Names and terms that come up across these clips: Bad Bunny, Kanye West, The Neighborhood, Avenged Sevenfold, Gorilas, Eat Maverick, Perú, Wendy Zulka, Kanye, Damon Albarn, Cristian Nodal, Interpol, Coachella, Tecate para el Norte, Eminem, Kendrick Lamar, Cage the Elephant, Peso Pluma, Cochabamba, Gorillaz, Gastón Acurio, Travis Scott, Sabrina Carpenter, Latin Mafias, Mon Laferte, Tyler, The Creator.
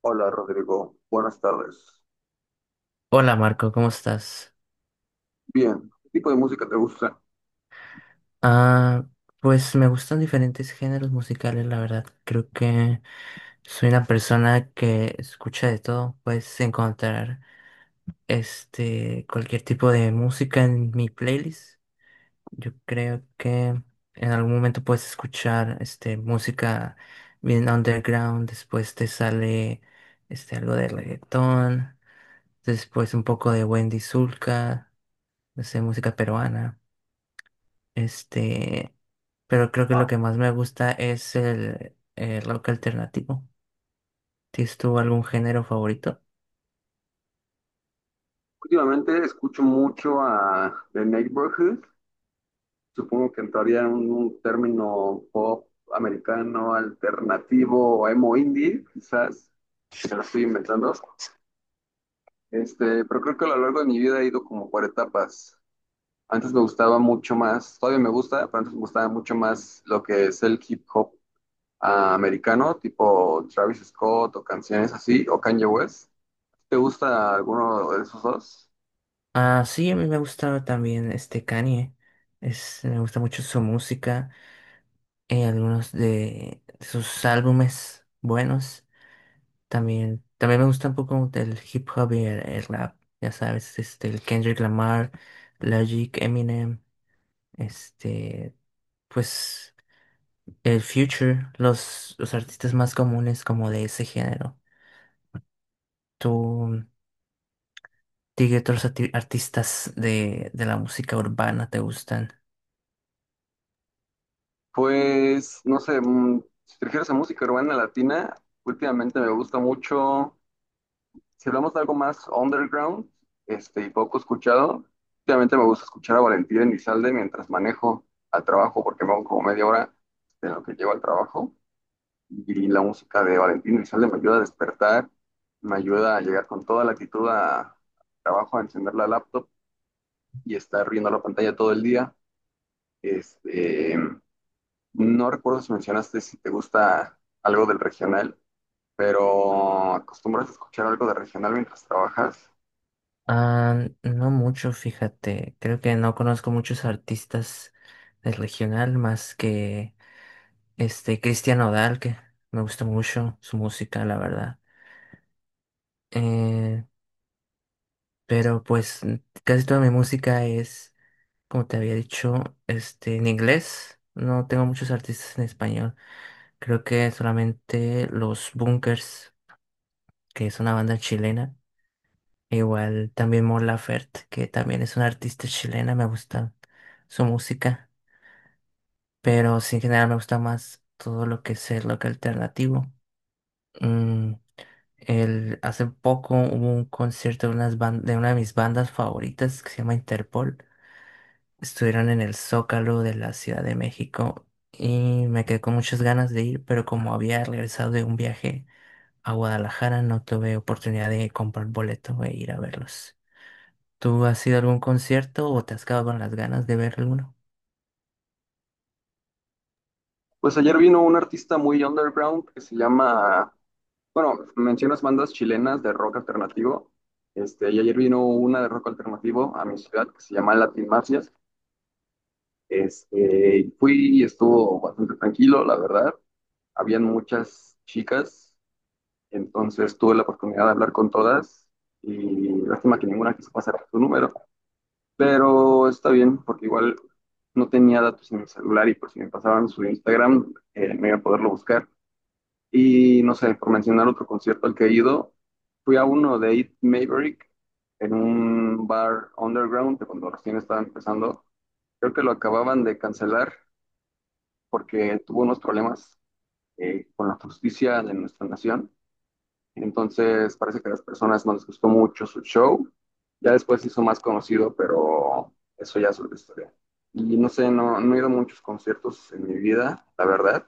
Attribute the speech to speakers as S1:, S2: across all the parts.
S1: Hola Rodrigo, buenas tardes.
S2: Hola Marco, ¿cómo estás?
S1: Bien, ¿qué tipo de música te gusta?
S2: Ah, pues me gustan diferentes géneros musicales, la verdad. Creo que soy una persona que escucha de todo. Puedes encontrar cualquier tipo de música en mi playlist. Yo creo que en algún momento puedes escuchar música bien underground, después te sale algo de reggaetón, después un poco de Wendy Zulka, no sé, música peruana. Este, pero creo que
S1: Ah,
S2: lo que más me gusta es el rock alternativo. ¿Tienes tú algún género favorito?
S1: últimamente escucho mucho a The Neighborhood, supongo que entraría en un término pop americano, alternativo o emo indie, quizás, si me lo estoy inventando. Pero creo que a lo largo de mi vida he ido como por etapas. Antes me gustaba mucho más, todavía me gusta, pero antes me gustaba mucho más lo que es el hip hop americano, tipo Travis Scott o canciones así, o Kanye West. ¿Te gusta alguno de esos dos?
S2: Ah, sí, a mí me gusta también este Kanye. Me gusta mucho su música. Algunos de sus álbumes buenos. También me gusta un poco el hip hop y el rap, ya sabes, este, el Kendrick Lamar, Logic, Eminem, este, pues el Future, los artistas más comunes como de ese género. ¿Tú, Qué otros artistas de la música urbana te gustan?
S1: Pues, no sé, si te refieres a música urbana latina, últimamente me gusta mucho, si hablamos de algo más underground, y poco escuchado, últimamente me gusta escuchar a Valentín Elizalde mientras manejo al trabajo, porque me hago como media hora de lo que llevo al trabajo, y la música de Valentín Elizalde me ayuda a despertar, me ayuda a llegar con toda la actitud al trabajo, a encender la laptop y estar viendo la pantalla todo el día. Este, No recuerdo si mencionaste si te gusta algo del regional, pero ¿acostumbras a escuchar algo de regional mientras trabajas?
S2: Ah, no mucho, fíjate. Creo que no conozco muchos artistas del regional más que Cristian Nodal, que me gusta mucho su música, la verdad. Eh, pero pues casi toda mi música es, como te había dicho, este, en inglés. No tengo muchos artistas en español. Creo que solamente los Bunkers, que es una banda chilena. E igual también Mon Laferte, que también es una artista chilena, me gusta su música. Pero sí, en general me gusta más todo lo que es el rock alternativo. Mm, Hace poco hubo un concierto de una de mis bandas favoritas que se llama Interpol. Estuvieron en el Zócalo de la Ciudad de México y me quedé con muchas ganas de ir, pero como había regresado de un viaje a Guadalajara, no tuve oportunidad de comprar boleto e ir a verlos. ¿Tú has ido a algún concierto o te has quedado con las ganas de ver alguno?
S1: Pues ayer vino un artista muy underground que se llama, bueno, mencionas bandas chilenas de rock alternativo. Y ayer vino una de rock alternativo a mi ciudad que se llama Latin Mafias. Y fui y estuvo bastante tranquilo, la verdad. Habían muchas chicas, entonces tuve la oportunidad de hablar con todas y lástima que ninguna quiso pasar su número. Pero está bien, porque igual no tenía datos en mi celular y por si me pasaban su Instagram, me iba a poderlo buscar. Y no sé, por mencionar otro concierto al que he ido, fui a uno de Eat Maverick en un bar underground que cuando recién estaba empezando. Creo que lo acababan de cancelar porque tuvo unos problemas con la justicia de nuestra nación, entonces parece que a las personas no les gustó mucho su show. Ya después se hizo más conocido, pero eso ya es otra historia. Y no sé, no, no he ido a muchos conciertos en mi vida, la verdad.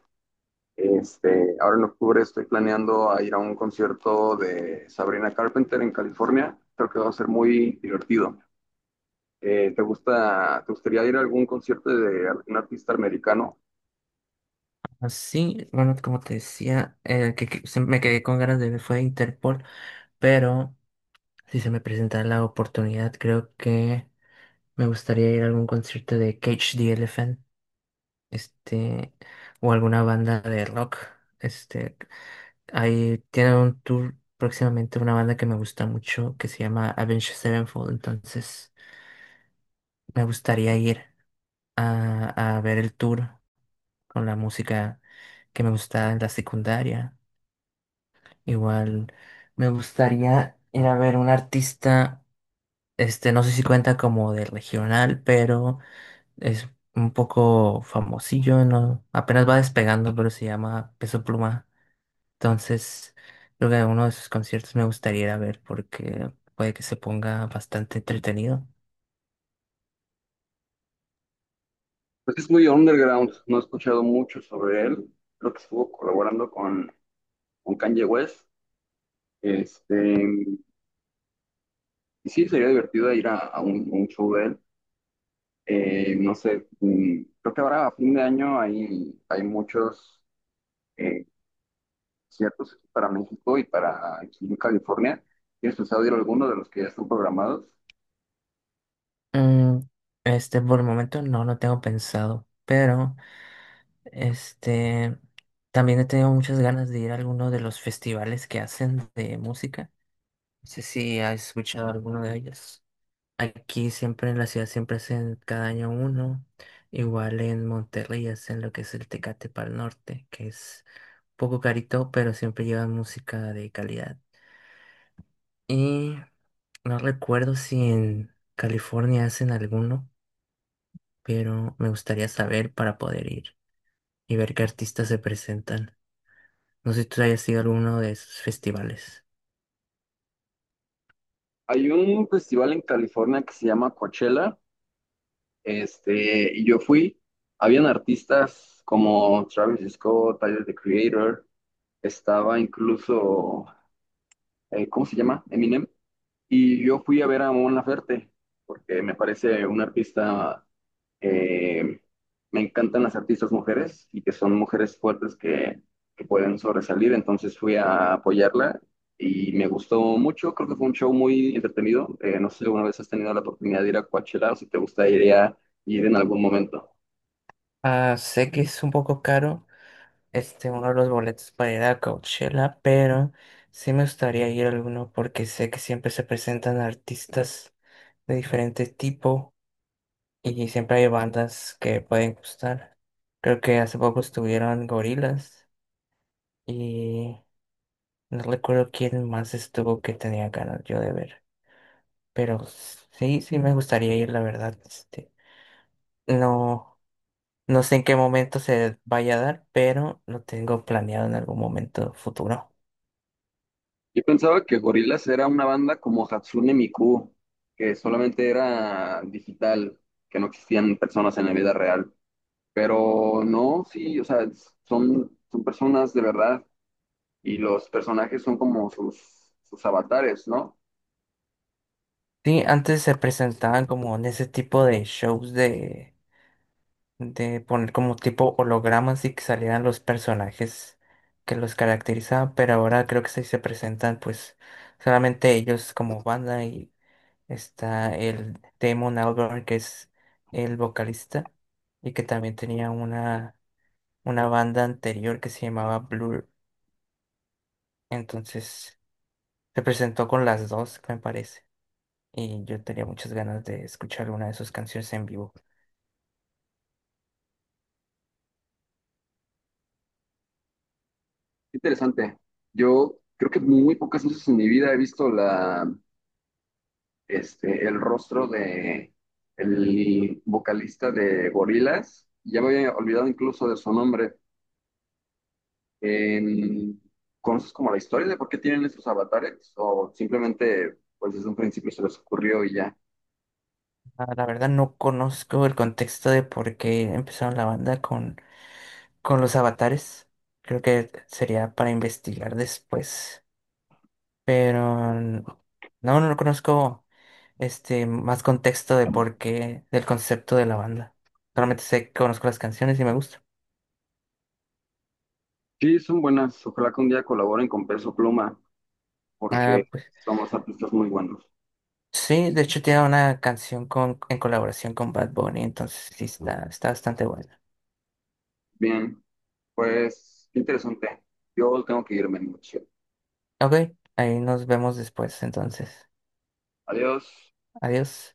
S1: Ahora en octubre estoy planeando a ir a un concierto de Sabrina Carpenter en California. Creo que va a ser muy divertido. ¿Te gusta, te gustaría ir a algún concierto de algún artista americano?
S2: Ah, sí, bueno, como te decía, el que se- me quedé con ganas de ver fue Interpol, pero si se me presenta la oportunidad, creo que me gustaría ir a algún concierto de Cage the Elephant, este, o alguna banda de rock. Este, Ahí tiene un tour próximamente una banda que me gusta mucho que se llama Avenged Sevenfold, entonces me gustaría ir a ver el tour con la música que me gustaba en la secundaria. Igual me gustaría ir a ver un artista. No sé si cuenta como de regional, pero es un poco famosillo, ¿no? Apenas va despegando, pero se llama Peso Pluma. Entonces, creo que uno de sus conciertos me gustaría ir a ver porque puede que se ponga bastante entretenido.
S1: Pues sí, es muy underground, no he escuchado mucho sobre él. Creo que estuvo colaborando con Kanye West. Este, y sí, sería divertido ir a un show de él. No sé, creo que ahora a fin de año hay, hay muchos eh, conciertos para México y para aquí en California. ¿Tienes pensado ir a alguno de los que ya están programados?
S2: Mm, por el momento no lo tengo pensado, pero este, también he tenido muchas ganas de ir a alguno de los festivales que hacen de música. No sé si has escuchado alguno de ellos. Aquí siempre en la ciudad siempre hacen cada año uno. Igual en Monterrey hacen lo que es el Tecate para el Norte, que es poco carito, pero siempre llevan música de calidad. Y no recuerdo si en California hacen alguno, pero me gustaría saber para poder ir y ver qué artistas se presentan. No sé si tú hayas ido a alguno de esos festivales.
S1: Hay un festival en California que se llama Coachella, y yo fui. Habían artistas como Travis Scott, Tyler, The Creator, estaba incluso, ¿cómo se llama? Eminem. Y yo fui a ver a Mon Laferte, porque me parece una artista, eh, me encantan las artistas mujeres y que son mujeres fuertes que pueden sobresalir, entonces fui a apoyarla y me gustó mucho, creo que fue un show muy entretenido. No sé si alguna vez has tenido la oportunidad de ir a Coachella o si te gustaría ir en algún momento.
S2: Ah, sé que es un poco caro, este, uno de los boletos para ir a Coachella, pero sí me gustaría ir a alguno porque sé que siempre se presentan artistas de diferente tipo y siempre hay bandas que pueden gustar. Creo que hace poco estuvieron Gorilas y no recuerdo quién más estuvo que tenía ganas yo de ver, pero sí, sí me gustaría ir, la verdad, no. No sé en qué momento se vaya a dar, pero lo tengo planeado en algún momento futuro.
S1: Yo pensaba que Gorillaz era una banda como Hatsune Miku, que solamente era digital, que no existían personas en la vida real. Pero no, sí, o sea, son, son personas de verdad y los personajes son como sus, sus avatares, ¿no?
S2: Sí, antes se presentaban como en ese tipo de shows de poner como tipo hologramas y que salieran los personajes que los caracterizaban, pero ahora creo que sí se presentan pues solamente ellos como banda y está el Damon Albarn, que es el vocalista y que también tenía una banda anterior que se llamaba Blur, entonces se presentó con las dos me parece. Y yo tenía muchas ganas de escuchar alguna de sus canciones en vivo.
S1: Interesante. Yo creo que muy pocas veces en mi vida he visto la, el rostro de el vocalista de Gorillaz. Ya me había olvidado incluso de su nombre. En, ¿conoces como la historia de por qué tienen esos avatares? ¿O simplemente, pues desde un principio se les ocurrió y ya?
S2: Ah, la verdad no conozco el contexto de por qué empezaron la banda con los avatares, creo que sería para investigar después. Pero no conozco más contexto de por qué, del concepto de la banda. Solamente sé que conozco las canciones y me gusta.
S1: Sí, son buenas. Ojalá que un día colaboren con Peso Pluma,
S2: Ah,
S1: porque
S2: pues
S1: somos artistas muy buenos.
S2: sí, de hecho tiene una canción con, en colaboración con Bad Bunny, entonces sí está, está bastante buena.
S1: Bien, pues qué interesante. Yo tengo que irme, mucho.
S2: Ok, ahí nos vemos después entonces.
S1: Adiós.
S2: Adiós.